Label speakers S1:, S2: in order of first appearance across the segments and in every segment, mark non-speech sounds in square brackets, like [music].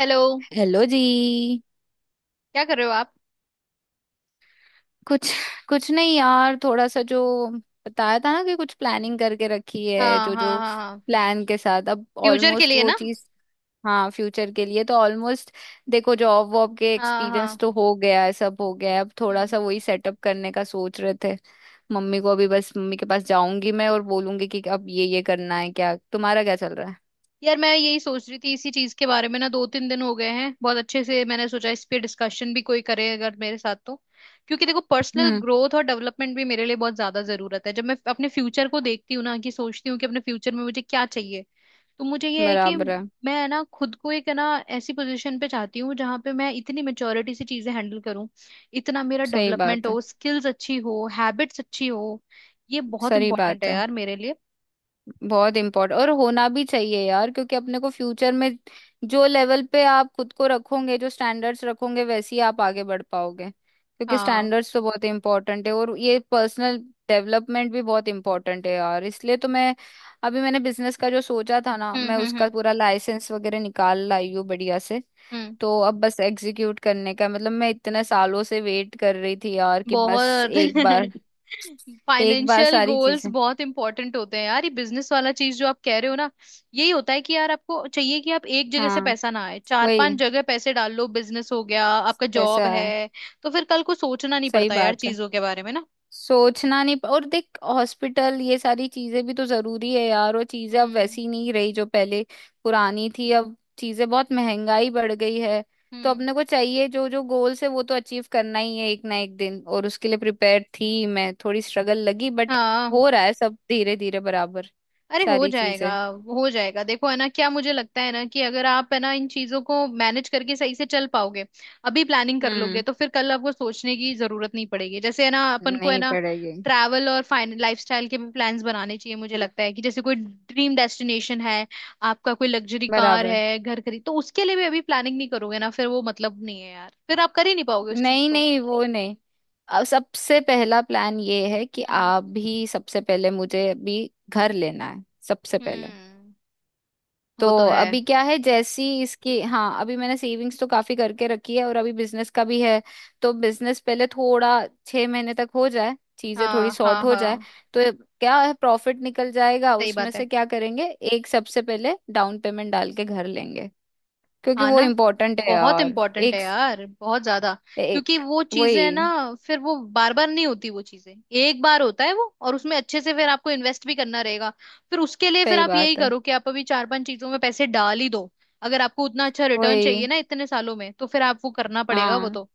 S1: Hello.
S2: Hello जी।
S1: क्या कर रहे हो आप।
S2: कुछ कुछ नहीं यार, थोड़ा सा जो बताया था ना कि कुछ प्लानिंग करके रखी है।
S1: हाँ
S2: जो
S1: हाँ
S2: जो
S1: हाँ हाँ।
S2: प्लान के साथ अब
S1: फ्यूचर के
S2: ऑलमोस्ट
S1: लिए
S2: वो
S1: ना।
S2: चीज। हाँ, फ्यूचर के लिए तो ऑलमोस्ट। देखो, जॉब वॉब के
S1: हाँ
S2: एक्सपीरियंस
S1: हाँ।
S2: तो हो गया है, सब हो गया है, अब थोड़ा
S1: हम्म।
S2: सा वही सेटअप करने का सोच रहे थे। मम्मी को अभी बस, मम्मी के पास जाऊंगी मैं और बोलूंगी कि अब ये करना है। क्या तुम्हारा क्या चल रहा है?
S1: यार मैं यही सोच रही थी इसी चीज के बारे में ना, 2-3 दिन हो गए हैं। बहुत अच्छे से मैंने सोचा, इस पे डिस्कशन भी कोई करे अगर मेरे साथ तो। क्योंकि देखो, पर्सनल
S2: हम्म।
S1: ग्रोथ और डेवलपमेंट भी मेरे लिए बहुत ज्यादा जरूरत है। जब मैं अपने फ्यूचर को देखती हूँ ना, कि सोचती हूँ कि अपने फ्यूचर में मुझे क्या चाहिए, तो मुझे ये है कि
S2: बराबर है।
S1: मैं है ना खुद को एक है ना ऐसी पोजीशन पे चाहती हूँ जहां पे मैं इतनी मेच्योरिटी से चीजें हैंडल करूँ। इतना मेरा
S2: सही
S1: डेवलपमेंट
S2: बात है।
S1: हो, स्किल्स अच्छी हो, हैबिट्स अच्छी हो। ये बहुत
S2: सही
S1: इंपॉर्टेंट
S2: बात
S1: है
S2: है।
S1: यार मेरे लिए।
S2: बहुत इम्पोर्टेंट, और होना भी चाहिए यार, क्योंकि अपने को फ्यूचर में जो लेवल पे आप खुद को रखोगे, जो स्टैंडर्ड्स रखोगे, वैसे ही आप आगे बढ़ पाओगे, क्योंकि
S1: हाँ।
S2: स्टैंडर्ड्स तो बहुत इम्पोर्टेंट है, और ये पर्सनल डेवलपमेंट भी बहुत इम्पोर्टेंट है यार। इसलिए तो मैं अभी मैंने बिजनेस का जो सोचा था ना,
S1: हम्म
S2: मैं
S1: हम्म
S2: उसका
S1: हम्म
S2: पूरा लाइसेंस वगैरह निकाल लाई हूँ बढ़िया से।
S1: हम्म
S2: तो अब बस एग्जीक्यूट करने का, मतलब मैं इतने सालों से वेट कर रही थी यार, कि बस
S1: बहुत
S2: एक बार।
S1: [laughs]
S2: एक बार
S1: फाइनेंशियल
S2: सारी
S1: गोल्स
S2: चीजें।
S1: बहुत इंपॉर्टेंट होते हैं यार। ये बिजनेस वाला चीज जो आप कह रहे हो ना, यही होता है कि यार आपको चाहिए कि आप एक जगह से
S2: हाँ
S1: पैसा ना आए, चार पांच
S2: वही,
S1: जगह पैसे डाल लो। बिजनेस हो गया आपका, जॉब
S2: पैसा
S1: है,
S2: है।
S1: तो फिर कल को सोचना नहीं
S2: सही
S1: पड़ता यार
S2: बात है।
S1: चीजों के बारे में ना।
S2: सोचना नहीं, और देख हॉस्पिटल ये सारी चीजें भी तो जरूरी है यार, वो चीजें अब
S1: हम्म।
S2: वैसी नहीं रही जो पहले पुरानी थी, अब चीजें, बहुत महंगाई बढ़ गई है। तो
S1: हम्म।
S2: अपने को चाहिए जो जो गोल्स है वो तो अचीव करना ही है एक ना एक दिन, और उसके लिए प्रिपेयर थी मैं, थोड़ी स्ट्रगल लगी बट
S1: हाँ।
S2: हो रहा है सब धीरे धीरे बराबर।
S1: अरे, हो
S2: सारी
S1: जाएगा।
S2: चीजें।
S1: हो जाएगा देखो, है ना, क्या मुझे लगता है ना कि अगर आप है ना इन चीजों को मैनेज करके सही से चल पाओगे, अभी प्लानिंग कर लोगे,
S2: हम्म।
S1: तो फिर कल आपको सोचने की जरूरत नहीं पड़ेगी, जैसे है ना अपन को है
S2: नहीं
S1: ना।
S2: पड़ेगी।
S1: ट्रैवल और फाइन लाइफस्टाइल के भी प्लान्स बनाने चाहिए, मुझे लगता है। कि जैसे कोई ड्रीम डेस्टिनेशन है आपका, कोई लग्जरी कार
S2: बराबर।
S1: है, घर खरीद, तो उसके लिए भी अभी प्लानिंग नहीं करोगे ना, फिर वो मतलब नहीं है यार, फिर आप कर ही नहीं पाओगे उस चीज
S2: नहीं
S1: को।
S2: नहीं, वो नहीं। अब सबसे पहला प्लान ये है कि
S1: हम्म।
S2: आप भी, सबसे पहले मुझे अभी घर लेना है सबसे पहले।
S1: हम्म।
S2: तो
S1: वो तो है।
S2: अभी क्या है, जैसी इसकी। हाँ, अभी मैंने सेविंग्स तो काफी करके रखी है, और अभी बिजनेस का भी है। तो बिजनेस पहले थोड़ा 6 महीने तक हो जाए, चीजें थोड़ी
S1: हाँ हाँ
S2: सॉर्ट हो जाए।
S1: हाँ।
S2: तो क्या है, प्रॉफिट निकल जाएगा,
S1: सही
S2: उसमें
S1: बात है।
S2: से क्या करेंगे, एक सबसे पहले डाउन पेमेंट डाल के घर लेंगे, क्योंकि
S1: हाँ
S2: वो
S1: ना।
S2: इम्पोर्टेंट है
S1: बहुत
S2: यार।
S1: इम्पोर्टेंट है
S2: एक,
S1: यार, बहुत ज्यादा। क्योंकि
S2: एक
S1: वो चीजें
S2: वही।
S1: है ना, फिर वो बार बार नहीं होती वो चीजें। एक बार होता है वो, और उसमें अच्छे से फिर आपको इन्वेस्ट भी करना रहेगा। फिर उसके लिए फिर
S2: सही
S1: आप यही
S2: बात है।
S1: करो कि आप अभी 4-5 चीजों में पैसे डाल ही दो। अगर आपको उतना अच्छा रिटर्न चाहिए
S2: वही।
S1: ना इतने सालों में, तो फिर आप वो करना पड़ेगा, वो
S2: हाँ।
S1: तो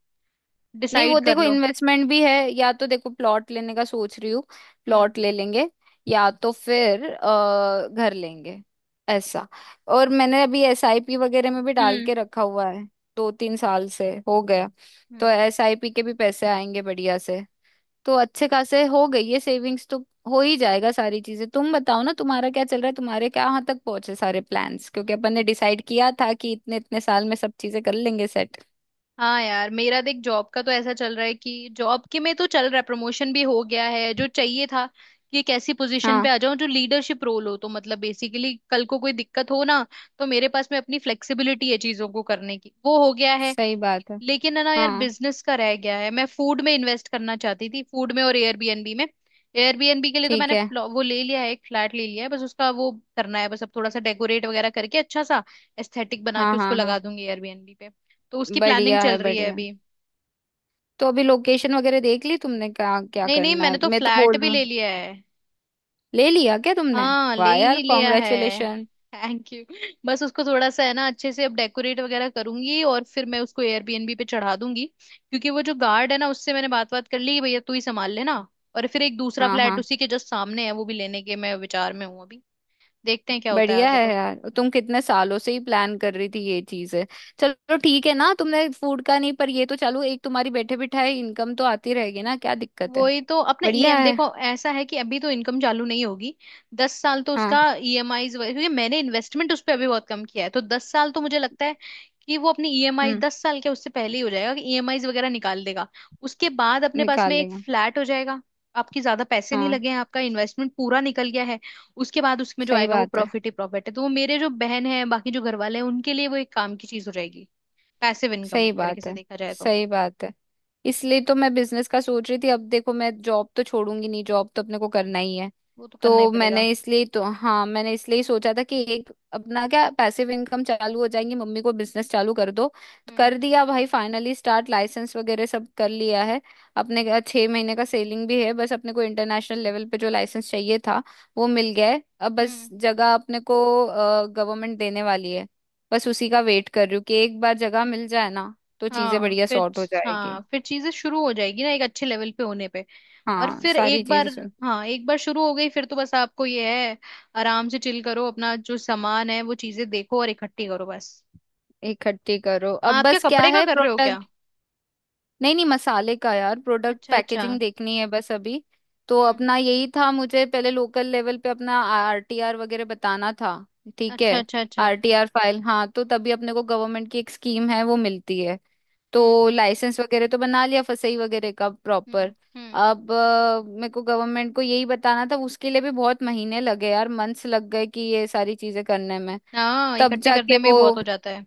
S2: नहीं,
S1: डिसाइड
S2: वो
S1: कर
S2: देखो
S1: लो।
S2: इन्वेस्टमेंट भी है, या तो देखो प्लॉट लेने का सोच रही हूँ,
S1: हम्म
S2: प्लॉट ले लेंगे, या तो फिर घर लेंगे, ऐसा। और मैंने अभी एसआईपी वगैरह में भी डाल
S1: हम्म
S2: के रखा हुआ है, 2-3 साल से हो गया, तो
S1: हम्म
S2: एसआईपी के भी पैसे आएंगे बढ़िया से। तो अच्छे खासे हो गई है सेविंग्स तो। हो ही जाएगा सारी चीजें। तुम बताओ ना, तुम्हारा क्या चल रहा है, तुम्हारे क्या यहाँ तक पहुंचे सारे प्लान्स, क्योंकि अपन ने डिसाइड किया था कि इतने इतने साल में सब चीजें कर लेंगे सेट।
S1: हाँ यार, मेरा देख जॉब का तो ऐसा चल रहा है कि जॉब के में तो चल रहा है, प्रमोशन भी हो गया है जो चाहिए था, कि एक ऐसी पोजीशन पे आ जाऊं जो लीडरशिप रोल हो, तो मतलब बेसिकली कल को कोई दिक्कत हो ना, तो मेरे पास में अपनी फ्लेक्सिबिलिटी है चीजों को करने की, वो हो गया है।
S2: सही बात है।
S1: लेकिन है ना यार,
S2: हाँ।
S1: बिजनेस का रह गया है। मैं फूड में इन्वेस्ट करना चाहती थी, फूड में और एयरबीएनबी में। एयरबीएनबी के लिए तो
S2: ठीक
S1: मैंने
S2: है।
S1: वो ले लिया है, एक फ्लैट ले लिया है, बस उसका वो करना है। बस अब थोड़ा सा डेकोरेट वगैरह करके अच्छा सा एस्थेटिक बना
S2: हाँ
S1: के उसको
S2: हाँ हाँ।
S1: लगा दूंगी एयरबीएनबी पे। तो उसकी प्लानिंग
S2: बढ़िया
S1: चल
S2: है,
S1: रही है
S2: बढ़िया है।
S1: अभी।
S2: तो अभी लोकेशन वगैरह देख ली तुमने, क्या क्या
S1: नहीं नहीं,
S2: करना
S1: मैंने
S2: है?
S1: तो
S2: मैं तो
S1: फ्लैट
S2: बोल
S1: भी
S2: रही
S1: ले
S2: हूँ।
S1: लिया है।
S2: ले लिया क्या तुमने?
S1: हाँ, ले
S2: वाह यार,
S1: ही लिया है।
S2: कॉन्ग्रेचुलेशन।
S1: Thank you. बस उसको थोड़ा सा है ना अच्छे से अब डेकोरेट वगैरह करूंगी, और फिर मैं उसको एयरबीएनबी पे चढ़ा दूंगी, क्योंकि वो जो गार्ड है ना, उससे मैंने बात बात कर ली कि भैया तू ही संभाल लेना। और फिर एक दूसरा
S2: हाँ
S1: फ्लैट
S2: हाँ।
S1: उसी के जस्ट सामने है, वो भी लेने के मैं विचार में हूँ अभी। देखते हैं क्या होता है
S2: बढ़िया
S1: आगे
S2: है
S1: तो।
S2: यार, तुम कितने सालों से ही प्लान कर रही थी ये चीज है। चलो ठीक है ना, तुमने फूड का नहीं, पर ये तो चलो, एक तुम्हारी बैठे बिठाए इनकम तो आती रहेगी ना, क्या दिक्कत है।
S1: वही तो, अपना
S2: बढ़िया
S1: ईएम,
S2: है।
S1: देखो ऐसा है कि अभी तो इनकम चालू नहीं होगी। 10 साल तो
S2: हाँ।
S1: उसका ईएमआई, क्योंकि मैंने इन्वेस्टमेंट उस पर अभी बहुत कम किया है, तो 10 साल तो मुझे लगता है कि वो अपनी ईएमआई
S2: हम्म।
S1: 10 साल के उससे पहले ही हो जाएगा, कि ईएमआईज वगैरह निकाल देगा। उसके बाद अपने पास
S2: निकाल
S1: में एक
S2: लेंगे।
S1: फ्लैट हो जाएगा। आपकी ज्यादा पैसे नहीं
S2: हाँ।
S1: लगे हैं, आपका इन्वेस्टमेंट पूरा निकल गया है। उसके बाद उसमें जो
S2: सही
S1: आएगा वो
S2: बात है।
S1: प्रॉफिट ही प्रॉफिट है। तो वो मेरे जो बहन है, बाकी जो घर वाले हैं, उनके लिए वो एक काम की चीज हो जाएगी। पैसिव इनकम
S2: सही
S1: एक तरीके
S2: बात
S1: से
S2: है।
S1: देखा जाए तो।
S2: सही बात है। इसलिए तो मैं बिजनेस का सोच रही थी, अब देखो मैं जॉब तो छोड़ूंगी नहीं, जॉब तो अपने को करना ही है।
S1: वो तो
S2: तो
S1: करना ही पड़ेगा।
S2: मैंने इसलिए तो, हाँ, मैंने इसलिए ही सोचा था कि एक अपना क्या पैसिव इनकम चालू हो जाएंगी, मम्मी को बिजनेस चालू कर दो। तो
S1: हम्म।
S2: कर दिया भाई फाइनली स्टार्ट, लाइसेंस वगैरह सब कर लिया है। अपने का 6 महीने का सेलिंग भी है, बस अपने को इंटरनेशनल लेवल पे जो लाइसेंस चाहिए था वो मिल गया है। अब बस
S1: हम्म।
S2: जगह अपने को गवर्नमेंट देने वाली है, बस उसी का वेट कर रही हूँ कि एक बार जगह मिल जाए ना, तो चीजें
S1: हाँ
S2: बढ़िया
S1: फिर।
S2: सॉर्ट हो जाएगी।
S1: हाँ फिर चीजें शुरू हो जाएगी ना, एक अच्छे लेवल पे होने पे। और
S2: हाँ
S1: फिर
S2: सारी
S1: एक
S2: चीजें।
S1: बार, हाँ एक बार शुरू हो गई, फिर तो बस आपको ये है, आराम से चिल करो, अपना जो सामान है वो चीजें देखो और इकट्ठी करो बस।
S2: इकट्ठी करो अब,
S1: आप क्या,
S2: बस क्या
S1: कपड़े का
S2: है
S1: कर रहे हो क्या?
S2: प्रोडक्ट। नहीं नहीं, मसाले का यार, प्रोडक्ट
S1: अच्छा अच्छा।
S2: पैकेजिंग देखनी है बस अभी। तो
S1: हम्म।
S2: अपना यही था, मुझे पहले लोकल लेवल पे अपना आरटीआर वगैरह बताना था। ठीक
S1: अच्छा
S2: है।
S1: अच्छा अच्छा।
S2: आरटीआर फाइल, हाँ, तो तभी अपने को गवर्नमेंट की एक स्कीम है वो मिलती है।
S1: हम्म
S2: तो
S1: हम्म
S2: लाइसेंस वगैरह तो बना लिया, फसई वगैरह का प्रॉपर।
S1: हम्म हम्म
S2: अब मेरे को गवर्नमेंट को यही बताना था, उसके लिए भी बहुत महीने लगे यार, मंथ्स लग गए कि ये सारी चीजें करने में।
S1: हाँ,
S2: तब
S1: इकट्ठे
S2: जाके
S1: करने में ही
S2: वो,
S1: बहुत हो जाता है।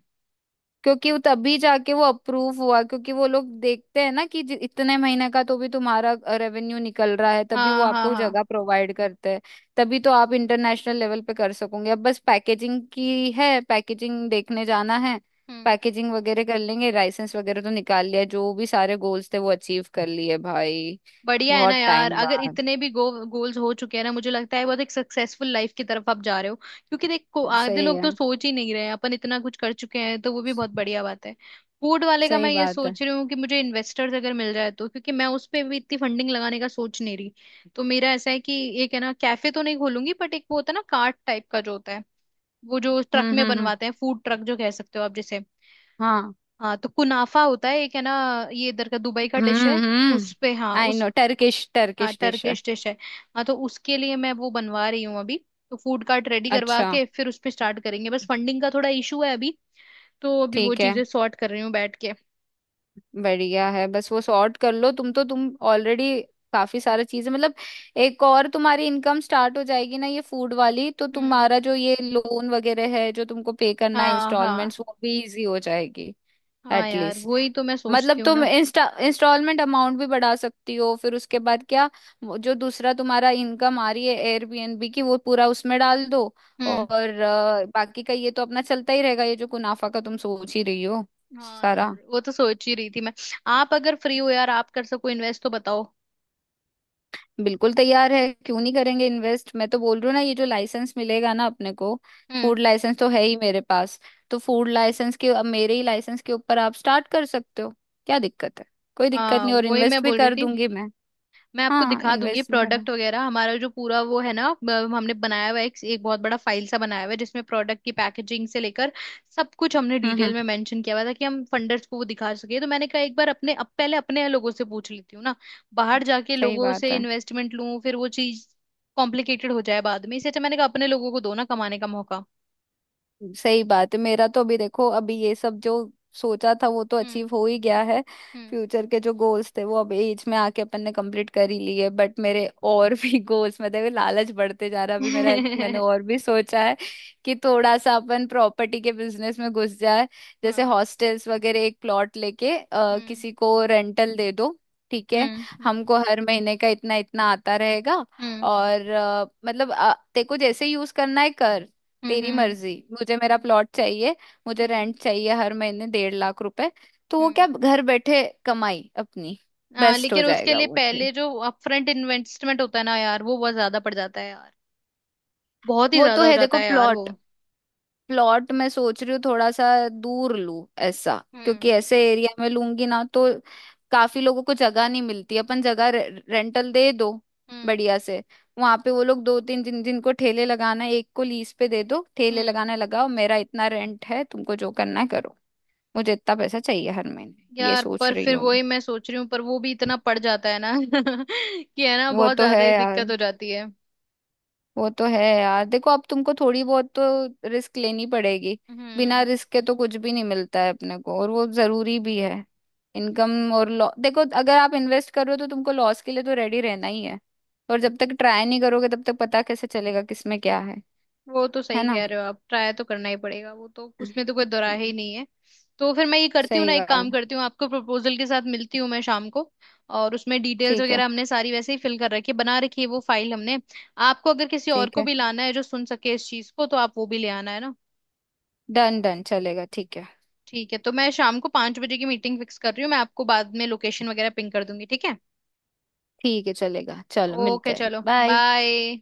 S2: क्योंकि वो तभी जाके वो अप्रूव हुआ, क्योंकि वो लोग देखते हैं ना कि इतने महीने का तो भी तुम्हारा रेवेन्यू निकल रहा है तभी वो
S1: हाँ हाँ
S2: आपको
S1: हाँ।
S2: जगह प्रोवाइड करते हैं। तभी तो आप इंटरनेशनल लेवल पे कर सकोगे, अब बस पैकेजिंग की है, पैकेजिंग देखने जाना है।
S1: हम्म।
S2: पैकेजिंग वगैरह कर लेंगे, लाइसेंस वगैरह तो निकाल लिया, जो भी सारे गोल्स थे वो अचीव कर लिए भाई।
S1: बढ़िया है ना
S2: बहुत
S1: यार,
S2: टाइम
S1: अगर
S2: बाद।
S1: इतने भी गोल्स हो चुके हैं ना, मुझे लगता है बहुत एक सक्सेसफुल लाइफ की तरफ आप जा रहे हो, क्योंकि देखो आधे
S2: सही
S1: लोग तो
S2: है।
S1: सोच ही नहीं रहे, अपन इतना कुछ कर चुके हैं, तो वो भी बहुत बढ़िया बात है। फूड वाले का मैं
S2: सही
S1: ये
S2: बात है।
S1: सोच रही हूँ कि मुझे इन्वेस्टर्स अगर मिल जाए तो, क्योंकि मैं उस पे भी इतनी फंडिंग लगाने का सोच नहीं रही। तो मेरा ऐसा है कि एक है ना, कैफे तो नहीं खोलूंगी, बट एक वो होता है ना कार्ट टाइप का जो होता है, वो जो ट्रक में
S2: हम्म।
S1: बनवाते हैं, फूड ट्रक जो कह सकते हो आप जिसे।
S2: हाँ।
S1: हाँ, तो कुनाफा होता है एक है ना, ये इधर का दुबई का डिश है। उस
S2: हम्म।
S1: पे, हाँ
S2: आई
S1: उस,
S2: नो, टर्किश,
S1: हाँ
S2: टर्किश डिश है।
S1: टर्किश डिश है। हाँ, तो उसके लिए मैं वो बनवा रही हूँ अभी। तो फूड कार्ट रेडी करवा
S2: अच्छा।
S1: के फिर उस पे स्टार्ट करेंगे, बस फंडिंग का थोड़ा इशू है अभी। तो अभी वो
S2: ठीक है।
S1: चीजें सॉर्ट कर रही हूँ बैठ के।
S2: बढ़िया है, बस वो सॉर्ट कर लो तुम, तो तुम ऑलरेडी काफी सारा चीजें मतलब, एक और तुम्हारी इनकम स्टार्ट हो जाएगी ना ये फूड वाली, तो
S1: हम्म।
S2: तुम्हारा जो ये लोन वगैरह है जो तुमको पे करना है
S1: हाँ हाँ।
S2: इंस्टॉलमेंट्स, वो भी इजी हो जाएगी।
S1: हाँ यार,
S2: एटलीस्ट
S1: वही तो मैं
S2: मतलब
S1: सोचती हूँ
S2: तुम
S1: ना।
S2: इंस्टा इंस्टॉलमेंट अमाउंट भी बढ़ा सकती हो, फिर उसके बाद क्या, वो जो दूसरा तुम्हारा इनकम आ रही है एयरबीएनबी की, वो पूरा उसमें डाल दो,
S1: हम्म।
S2: और बाकी का ये तो अपना चलता ही रहेगा, ये जो मुनाफा का तुम सोच ही रही हो।
S1: हाँ
S2: सारा।
S1: यार, वो तो सोच ही रही थी मैं। आप अगर फ्री हो यार, आप कर सको इन्वेस्ट तो बताओ।
S2: बिल्कुल तैयार है, क्यों नहीं करेंगे इन्वेस्ट, मैं तो बोल रही हूँ ना, ये जो लाइसेंस मिलेगा ना अपने को,
S1: हम्म।
S2: फूड लाइसेंस तो है ही मेरे पास। तो फूड लाइसेंस के, अब मेरे ही लाइसेंस के ऊपर आप स्टार्ट कर सकते हो, क्या दिक्कत है, कोई दिक्कत
S1: हाँ,
S2: नहीं, और
S1: वही मैं
S2: इन्वेस्ट भी
S1: बोल रही
S2: कर
S1: थी।
S2: दूंगी मैं।
S1: मैं आपको
S2: हाँ,
S1: दिखा दूंगी
S2: इन्वेस्ट भी करना।
S1: प्रोडक्ट वगैरह। हमारा जो पूरा वो है ना, हमने बनाया हुआ है, एक बहुत बड़ा फाइल सा बनाया हुआ है, जिसमें प्रोडक्ट की पैकेजिंग से लेकर सब कुछ हमने डिटेल
S2: हम्म
S1: में मेंशन किया हुआ था, कि हम फंडर्स को वो दिखा सके। तो मैंने कहा, एक बार अपने, अब पहले अपने लोगों से पूछ लेती हूँ ना, बाहर
S2: हम्म।
S1: जाके
S2: सही
S1: लोगों
S2: बात
S1: से
S2: है।
S1: इन्वेस्टमेंट लूं फिर वो चीज कॉम्प्लिकेटेड हो जाए बाद में। इससे अच्छा मैंने कहा अपने लोगों को दो ना कमाने का मौका।
S2: सही बात है, मेरा तो अभी देखो, अभी ये सब जो सोचा था वो तो अचीव
S1: हम्म।
S2: हो ही गया है।
S1: हम्म।
S2: फ्यूचर के जो गोल्स थे वो अब एज में आके अपन ने कंप्लीट कर ही लिए, बट मेरे और भी [laughs] गोल्स, मतलब ये लालच बढ़ते जा रहा है अभी मेरा, मैंने
S1: [laughs] हम्म।
S2: और भी सोचा है कि थोड़ा सा अपन प्रॉपर्टी के बिजनेस में घुस जाए। जैसे
S1: हाँ।
S2: हॉस्टल्स वगैरह एक प्लॉट लेके
S1: हम्म
S2: किसी को रेंटल दे दो। ठीक है।
S1: हम्म हम्म
S2: हमको हर महीने का इतना इतना आता रहेगा,
S1: हम्म
S2: और मतलब तेको जैसे यूज करना है कर,
S1: हम्म
S2: तेरी
S1: हम्म
S2: मर्जी, मुझे मेरा प्लॉट चाहिए, मुझे
S1: हम्म
S2: रेंट चाहिए हर महीने 1.5 लाख रुपए। तो वो
S1: हम्म,
S2: क्या, घर बैठे कमाई अपनी,
S1: आ,
S2: बेस्ट हो
S1: लेकिन उसके
S2: जाएगा
S1: लिए
S2: वो फिर।
S1: पहले जो अपफ्रंट इन्वेस्टमेंट होता है ना यार, वो बहुत ज्यादा पड़ जाता है यार, बहुत ही
S2: वो तो
S1: ज्यादा हो
S2: है,
S1: जाता
S2: देखो
S1: है यार वो।
S2: प्लॉट, प्लॉट मैं सोच रही हूँ थोड़ा सा दूर लूँ ऐसा, क्योंकि
S1: हम्म।
S2: ऐसे एरिया में लूंगी ना तो काफी लोगों को जगह नहीं मिलती, अपन जगह रेंटल दे दो
S1: हम्म।
S2: बढ़िया से। वहां पे वो लोग दो तीन, जिनको ठेले लगाना है एक को लीज पे दे दो, ठेले
S1: हम्म।
S2: लगाने लगाओ, मेरा इतना रेंट है, तुमको जो करना है करो, मुझे इतना पैसा चाहिए हर महीने, ये
S1: यार
S2: सोच
S1: पर
S2: रही
S1: फिर
S2: हूँ।
S1: वही मैं सोच रही हूँ, पर वो भी इतना पड़ जाता है ना [laughs] कि है ना
S2: वो
S1: बहुत
S2: तो है
S1: ज्यादा ही
S2: यार,
S1: दिक्कत हो जाती है।
S2: वो तो है यार। देखो अब तुमको थोड़ी बहुत तो रिस्क लेनी पड़ेगी, बिना
S1: हम्म।
S2: रिस्क के तो कुछ भी नहीं मिलता है अपने को, और वो जरूरी भी है। इनकम और लॉ, देखो अगर आप इन्वेस्ट कर रहे हो तो तुमको लॉस के लिए तो रेडी रहना ही है, और जब तक ट्राई नहीं करोगे तब तक पता कैसे चलेगा किसमें क्या है।
S1: वो तो
S2: है
S1: सही
S2: ना।
S1: कह रहे हो आप, ट्राई तो करना ही पड़ेगा वो तो, उसमें तो कोई दो राय ही नहीं है। तो फिर मैं ये करती हूँ
S2: सही
S1: ना, एक काम
S2: बात।
S1: करती हूँ, आपको प्रपोजल के साथ मिलती हूँ मैं शाम को, और उसमें डिटेल्स
S2: ठीक है।
S1: वगैरह हमने सारी वैसे ही फिल कर रखी है, बना रखी है वो फाइल हमने। आपको अगर किसी और
S2: ठीक
S1: को
S2: है,
S1: भी लाना है जो सुन सके इस चीज को, तो आप वो भी ले आना, है ना।
S2: डन डन चलेगा, ठीक है।
S1: ठीक है, तो मैं शाम को 5 बजे की मीटिंग फिक्स कर रही हूँ। मैं आपको बाद में लोकेशन वगैरह पिंग कर दूंगी, ठीक है।
S2: ठीक है चलेगा, चलो मिलते
S1: ओके
S2: हैं,
S1: चलो।
S2: बाय।
S1: बाय।